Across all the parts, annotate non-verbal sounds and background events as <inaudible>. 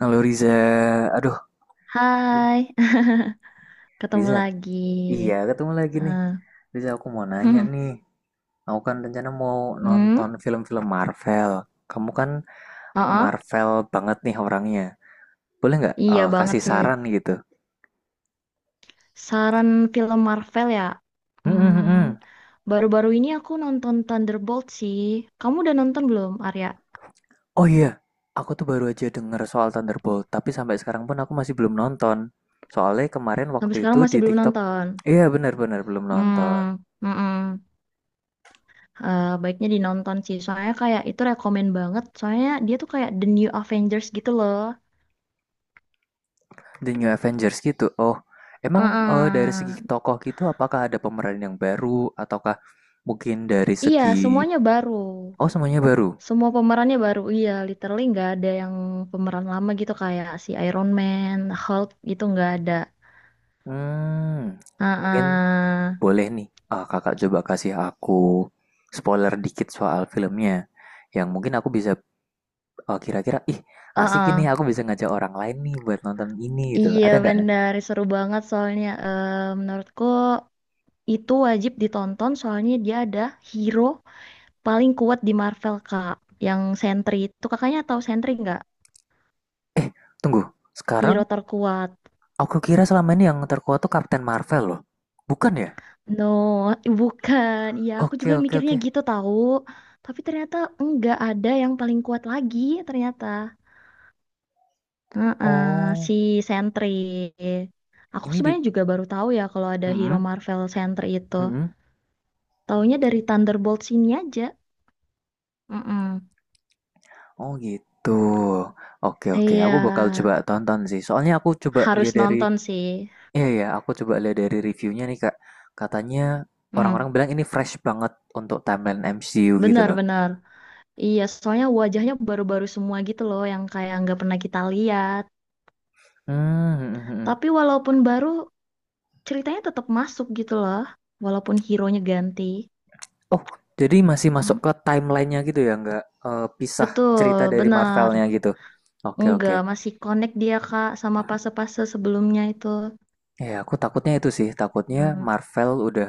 Halo Riza, aduh Hai, <laughs> ketemu Riza, lagi. iya ketemu lagi nih. Nah, Riza, aku mau nanya <laughs> nih, aku kan rencana mau nonton Hmm. film-film Marvel. Kamu kan uh Marvel banget nih orangnya. Boleh nggak, Iya banget kasih sih. saran gitu? Saran film Marvel ya. Hmm, Hmm, hmm, hmm, hmm. Baru-baru ini aku nonton Thunderbolt sih. Kamu udah nonton belum, Arya? Oh iya, aku tuh baru aja denger soal Thunderbolt, tapi sampai sekarang pun aku masih belum nonton. Soalnya kemarin waktu Sampai itu sekarang di masih belum TikTok. nonton. Iya, benar-benar belum nonton. Hmm, mm-mm. Eh, baiknya dinonton sih. Soalnya kayak itu rekomen banget. Soalnya dia tuh kayak The New Avengers gitu loh. The New Avengers gitu. Oh, emang, dari segi uh tokoh gitu, apakah ada pemeran yang baru ataukah mungkin dari Iya, segi. semuanya baru. Oh, semuanya baru? Semua pemerannya baru, iya, literally nggak ada yang pemeran lama gitu kayak si Iron Man, Hulk gitu nggak ada. Hmm, mungkin Heeh. boleh nih. Ah, kakak coba kasih aku spoiler dikit soal filmnya. Yang mungkin aku bisa, kira-kira, ih, asik, ini Heeh. aku bisa ngajak orang lain nih buat nonton ini gitu. Iya Ada nggak? benar, seru banget soalnya menurutku itu wajib ditonton soalnya dia ada hero paling kuat di Marvel Kak, yang Sentry itu kakaknya tahu Sentry nggak? Eh, tunggu. Sekarang Hero terkuat. aku kira selama ini yang terkuat tuh Captain Marvel loh. Bukan ya? No, bukan. Iya, aku Oke, juga oke, mikirnya oke. gitu tahu. Tapi ternyata enggak ada yang paling kuat lagi ternyata. Heeh, Oh, si Sentry. Aku ini di. sebenarnya juga baru tahu ya kalau ada hero Mhm, Marvel Sentry itu. mhm. Taunya dari Thunderbolts ini aja. Mm-mm. Oh gitu. Oke, oke, Iya, aku bakal coba tonton sih. Soalnya aku coba harus lihat dari, nonton sih. iya ya, aku coba lihat dari reviewnya nih Kak. Katanya Mm, orang-orang bilang ini fresh banget untuk timeline MCU gitu loh. benar-benar. Iya, soalnya wajahnya baru-baru semua gitu loh, yang kayak nggak pernah kita lihat. Hmm, hmm, mhm. Tapi walaupun baru, ceritanya tetap masuk gitu loh. Walaupun hero-nya ganti. Oh, jadi masih masuk Mm, ke timelinenya gitu ya, nggak pisah cerita betul, dari benar. Marvelnya gitu. Oke, oke. Enggak, masih connect dia, Kak, sama fase-fase sebelumnya itu. Ya, aku takutnya itu sih. Takutnya Hmm. Marvel udah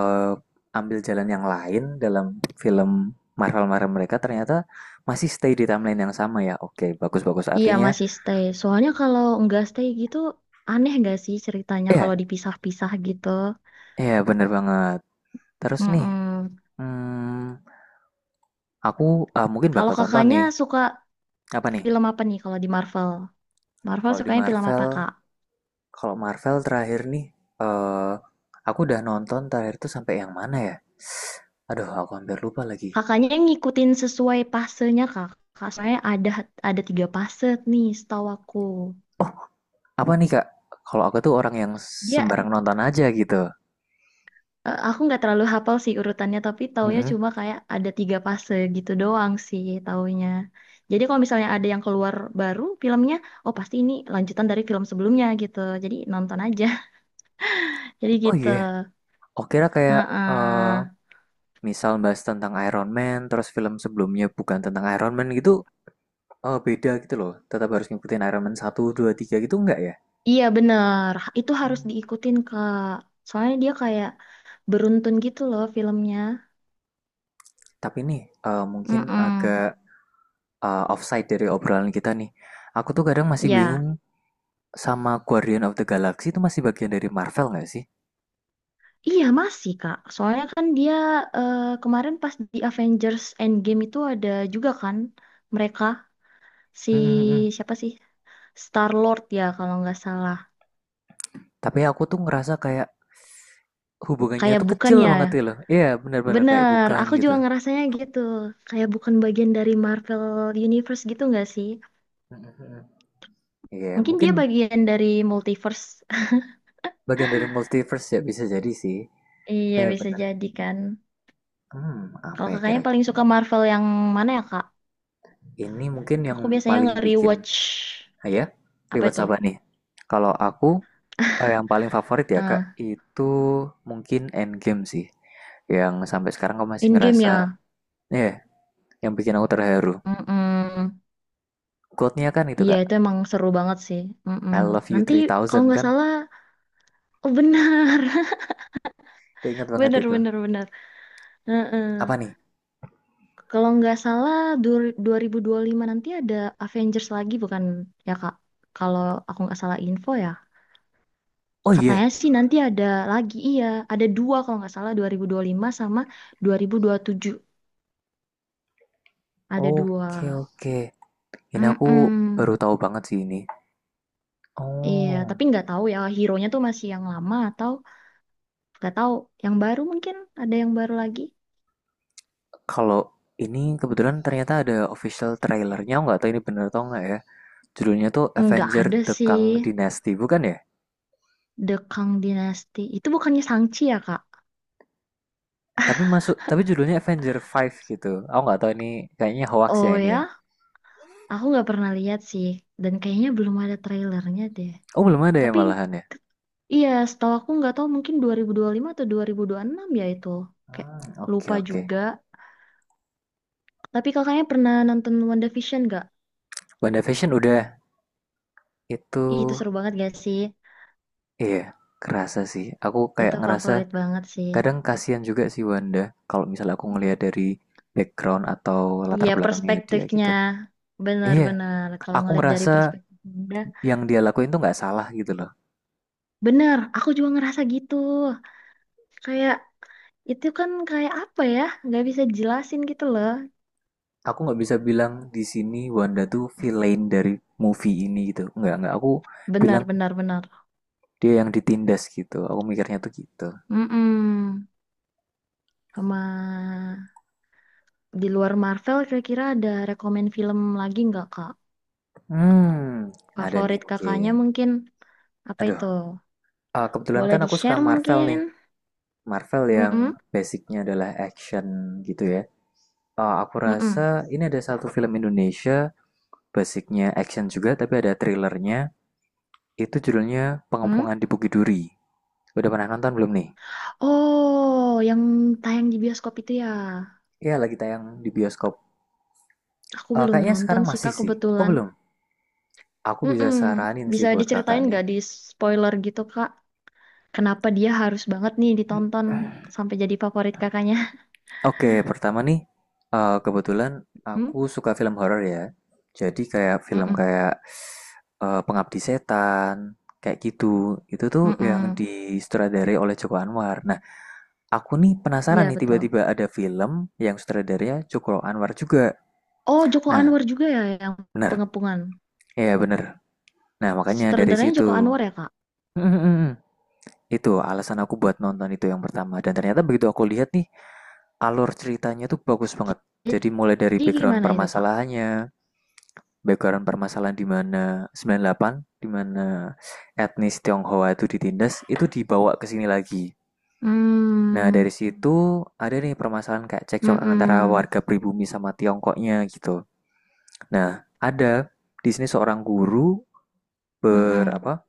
ambil jalan yang lain dalam film Marvel-Marvel mereka, ternyata masih stay di timeline yang sama ya. Oke, bagus-bagus Iya artinya. masih stay. Soalnya kalau nggak stay gitu aneh nggak sih ceritanya kalau Ya, dipisah-pisah gitu. ya bener banget. Terus nih, Mm-mm. hmm, aku, mungkin Kalau bakal tonton kakaknya nih. suka Apa nih? film apa nih kalau di Marvel? Marvel Kalau di sukanya film apa Marvel, kak? kalau Marvel terakhir nih, eh aku udah nonton terakhir tuh sampai yang mana ya? Aduh, aku hampir lupa lagi. Kakaknya yang ngikutin sesuai pasenya kak. Kak, soalnya ada tiga fase nih setahu aku. Oh, apa nih Kak? Kalau aku tuh orang yang Dia sembarang nonton aja gitu. Aku nggak terlalu hafal sih urutannya, tapi taunya Mhm. cuma kayak ada tiga fase gitu doang sih taunya. Jadi kalau misalnya ada yang keluar baru filmnya, oh pasti ini lanjutan dari film sebelumnya gitu. Jadi nonton aja. <laughs> Jadi Oh gitu. iya. Oh, kira kayak, eh Heeh. misal bahas tentang Iron Man, terus film sebelumnya bukan tentang Iron Man gitu, beda gitu loh. Tetap harus ngikutin Iron Man satu 2 3 gitu, enggak ya? Iya bener, itu harus Hmm. diikutin Kak. Soalnya dia kayak beruntun gitu loh filmnya. Tapi nih, mungkin mm agak offside dari obrolan kita nih. Aku tuh kadang masih bingung Ya, sama Guardian of the Galaxy, itu masih bagian dari Marvel nggak sih? iya masih Kak. Soalnya kan dia kemarin pas di Avengers Endgame itu ada juga kan mereka. Si Mhm, mhm. siapa sih, Star Lord ya kalau nggak salah. Tapi aku tuh ngerasa kayak hubungannya Kayak tuh bukan kecil ya, banget gitu loh. Iya, benar-benar kayak bener, bukan aku gitu. juga ngerasanya gitu, kayak bukan bagian dari Marvel Universe gitu nggak sih? Mhm, mhm. Iya, Mungkin mungkin dia bagian dari multiverse. bagian dari multiverse ya, bisa jadi sih. <laughs> Iya bisa Benar-benar. jadi kan. Hmm, apa Kalau ya kakaknya paling kira-kira suka nih? Marvel yang mana ya kak? Ini mungkin yang Aku biasanya paling bikin, nge-rewatch ah ya, apa rewatch itu, apa nih? Kalau aku, yang paling favorit ya Kak, ah itu mungkin Endgame sih. Yang sampai sekarang aku masih Endgame ngerasa, ya. ya, yang bikin aku terharu. Mm-mm. Quote-nya kan itu Iya Kak, itu emang seru banget sih. Mm-mm. I love you Nanti Three kalau Thousand nggak kan? salah. Oh benar, Itu ingat <laughs> banget benar itu. benar benar. <laughs> Heeh. Apa nih? Kalau nggak salah dua dua ribu dua puluh lima nanti ada Avengers lagi bukan ya Kak? Kalau aku nggak salah info ya. Oh Katanya iya, sih nanti ada lagi, iya. Ada dua kalau nggak salah, dua dua ribu dua puluh lima sama dua dua ribu dua puluh tujuh. Ada dua. oke oke. Ini aku Mm-mm. baru tahu banget sih ini. Iya, Oh, tapi nggak tahu ya hero-nya tuh masih yang lama atau nggak tahu, yang baru mungkin, ada yang baru lagi. kalau ini kebetulan ternyata ada official trailernya, nggak tahu ini bener atau nggak ya. Judulnya tuh Nggak Avenger ada The sih Kang Dynasty bukan ya? The Kang Dynasty. Itu bukannya Shang-Chi ya Kak? Tapi masuk tapi judulnya Avenger 5 gitu. Aku nggak tahu ini, kayaknya hoax ya Oh ini ya. ya, aku nggak pernah lihat sih, dan kayaknya belum ada trailernya deh. Oh, belum ada ya Tapi malahan ya. ke- iya, setahu aku nggak tahu mungkin 2025 atau 2026 ya itu. Kayak Hmm, oke lupa oke. juga. Tapi kakaknya pernah nonton WandaVision nggak? WandaVision udah itu, Ih, itu seru banget gak sih? iya kerasa sih. Aku kayak Itu ngerasa favorit banget sih. kadang kasihan juga sih Wanda, kalau misalnya aku ngelihat dari background atau latar Iya, belakangnya dia perspektifnya gitu. Iya, benar-benar. Kalau aku ngeliat dari ngerasa perspektif muda, yang dia lakuin tuh nggak salah gitu loh. benar. Aku juga ngerasa gitu. Kayak itu kan kayak apa ya? Nggak bisa jelasin gitu loh. Aku nggak bisa bilang di sini Wanda tuh villain dari movie ini gitu. Nggak, nggak. Aku bilang Benar, benar, benar. dia yang ditindas gitu. Aku mikirnya tuh gitu. Mm-mm. Sama di luar Marvel kira-kira ada rekomen film lagi nggak Kak? Hmm, ada nih Favorit kakaknya mungkin. mungkin apa Aduh, itu? Kebetulan Boleh kan aku suka di-share Marvel nih. mungkin? Marvel yang Mm-mm, basicnya adalah action gitu ya. Ah, aku rasa mm-mm, ini ada satu film Indonesia basicnya action juga, tapi ada thrillernya. Itu judulnya Pengepungan di mm. Bukit Duri. Udah pernah nonton belum nih? Oh, yang tayang di bioskop itu ya. Iya, lagi tayang di bioskop. Aku Eh, belum kayaknya nonton sekarang sih masih Kak sih. Oh kebetulan. belum? Aku bisa Mm-mm. saranin sih Bisa buat kakak diceritain nih. nggak di spoiler gitu Kak? Kenapa dia harus banget nih ditonton sampai jadi favorit kakaknya? Oke, pertama nih, kebetulan <laughs> Hmm? aku suka film horor ya. Jadi kayak film Mm-mm, kayak Pengabdi Setan, kayak gitu. Itu tuh yang mm-mm. disutradarai oleh Joko Anwar. Nah, aku nih penasaran Iya nih betul. tiba-tiba ada film yang sutradaranya Joko Anwar juga. Oh, Joko Nah, Anwar juga ya yang bener, pengepungan. iya bener. Nah, makanya dari Sutradaranya situ. Joko Anwar <laughs> ya, Kak? Itu alasan aku buat nonton itu yang pertama. Dan ternyata begitu aku lihat nih, alur ceritanya tuh bagus banget. Jadi mulai dari Jadi background gimana itu, Kak? permasalahannya, background permasalahan di mana 98, di mana etnis Tionghoa itu ditindas, itu dibawa ke sini lagi. Nah, Hmm, dari situ ada nih permasalahan kayak cekcok antara mm-mm, warga pribumi sama Tiongkoknya gitu. Nah, ada di sini seorang guru, mm-mm. berapa,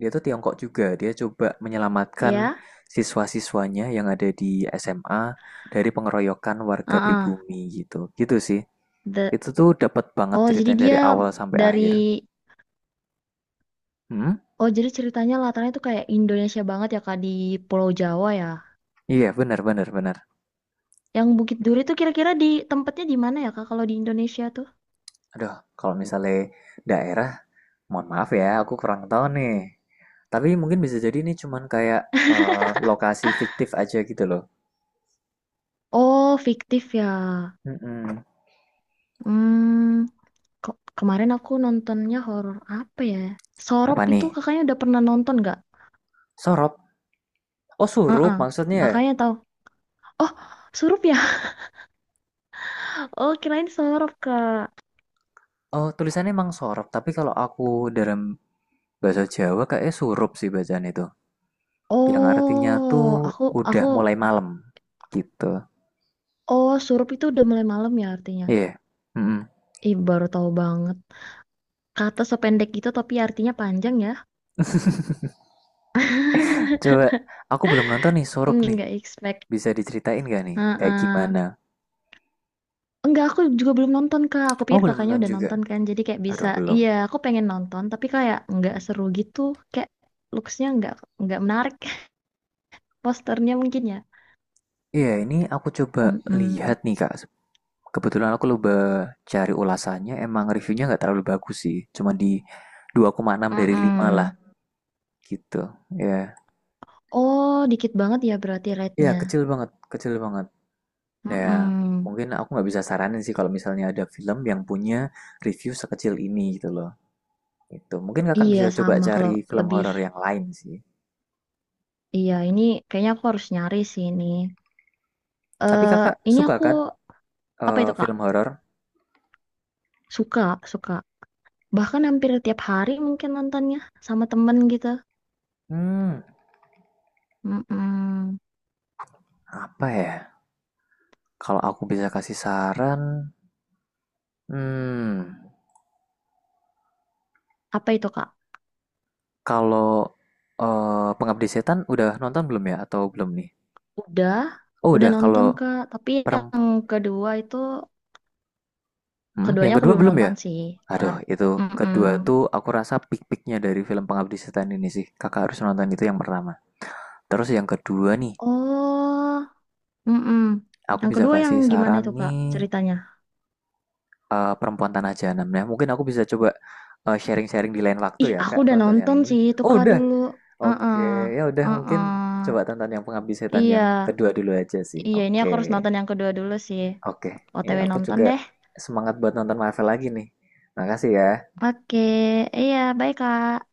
dia tuh Tiongkok juga, dia coba menyelamatkan Ya, siswa-siswanya yang ada di SMA dari pengeroyokan warga heeh. pribumi gitu. Gitu sih. The- Itu tuh dapat banget Oh, jadi ceritanya dari dia awal sampai dari akhir. Hmm? Oh, jadi ceritanya latarnya tuh kayak Indonesia banget ya, Kak, di Pulau Jawa ya. Iya, benar benar benar. Yang Bukit Duri tuh kira-kira di tempatnya di mana ya, Kak, kalau di Indonesia tuh? Aduh, kalau misalnya daerah, mohon maaf ya, aku kurang tahu nih. Tapi mungkin bisa jadi ini cuman kayak lokasi fiktif aja gitu loh. Oh, fiktif ya. Mm-mm. Hmm, kemarin aku nontonnya horor apa ya? Sorop Apa itu nih? kakaknya udah pernah nonton nggak? Sorop. Oh, Heeh. Surup maksudnya, ya? Kakaknya tahu. Oh, Surup ya? Oh, kirain sorop, Kak. Oh, tulisannya emang sorop, tapi kalau aku dalam bahasa Jawa kayaknya surup sih bacaan itu. Yang artinya Oh, tuh aku udah aku mulai malam gitu. oh surup itu udah mulai malam ya artinya. Iya. Mm-mm. Ih, baru tahu banget. Kata sependek gitu tapi artinya panjang ya. Coba, aku belum nonton nih <laughs> surup nih. Nggak expect. Bisa diceritain gak nih kayak Heeh. gimana? Enggak, aku juga belum nonton Kak. Aku Oh, pikir belum kakaknya nonton udah juga. nonton kan. Jadi kayak bisa, Aduh, belum. iya aku pengen nonton tapi kayak nggak seru gitu. Kayak looks-nya nggak menarik. <laughs> Posternya mungkin ya. Iya, ini aku coba lihat Mm-mm. nih, Kak. Kebetulan aku coba cari ulasannya, emang reviewnya nggak terlalu bagus sih. Cuma di 2,6 dari 5 lah Mm-mm. gitu. Iya. Oh, dikit banget ya berarti Iya, rate-nya. kecil banget, kecil banget. Nah, ya, Mm-mm. mungkin aku nggak bisa saranin sih kalau misalnya ada film yang punya review sekecil ini gitu loh. Itu mungkin kakak Iya bisa coba sama, kalau cari film lebih, horor yang lain sih. iya ini kayaknya aku harus nyari sih ini. Tapi Eh, kakak ini suka aku kan apa itu Kak? film horor? Suka, suka. Bahkan hampir tiap hari mungkin nontonnya sama temen gitu. Hmm, Mm-mm. apa ya? Kalau aku bisa kasih saran, hmm, Apa itu Kak? kalau Pengabdi Setan udah nonton belum ya atau belum nih? Udah, Oh udah udah, nonton kalau Kak. Tapi yang perempuan. kedua itu, Mhm, yang keduanya aku kedua belum belum ya? nonton sih. Aduh, Pengap. itu Mm-mm. kedua tuh aku rasa pik-piknya dari film Pengabdi Setan ini sih, Kakak harus nonton itu yang pertama. Terus yang kedua nih, Oh, mm-mm. aku Yang bisa kedua yang kasih gimana saran itu Kak nih, ceritanya? Perempuan Tanah Jahanam. Nah mungkin aku bisa coba, sharing-sharing di lain waktu Ih, ya aku Kak, udah tonton yang nonton ini. sih itu Oh Kak udah? dulu. Heeh. Oke, ya udah mungkin coba Heeh. tonton yang Pengabdi Setan Iya, yang kedua dulu aja sih. iya ini aku harus Oke, nonton yang kedua dulu sih. oke. Ya, OTW aku nonton juga deh. semangat buat nonton Marvel lagi nih. Makasih ya. Oke, iya, bye Kak.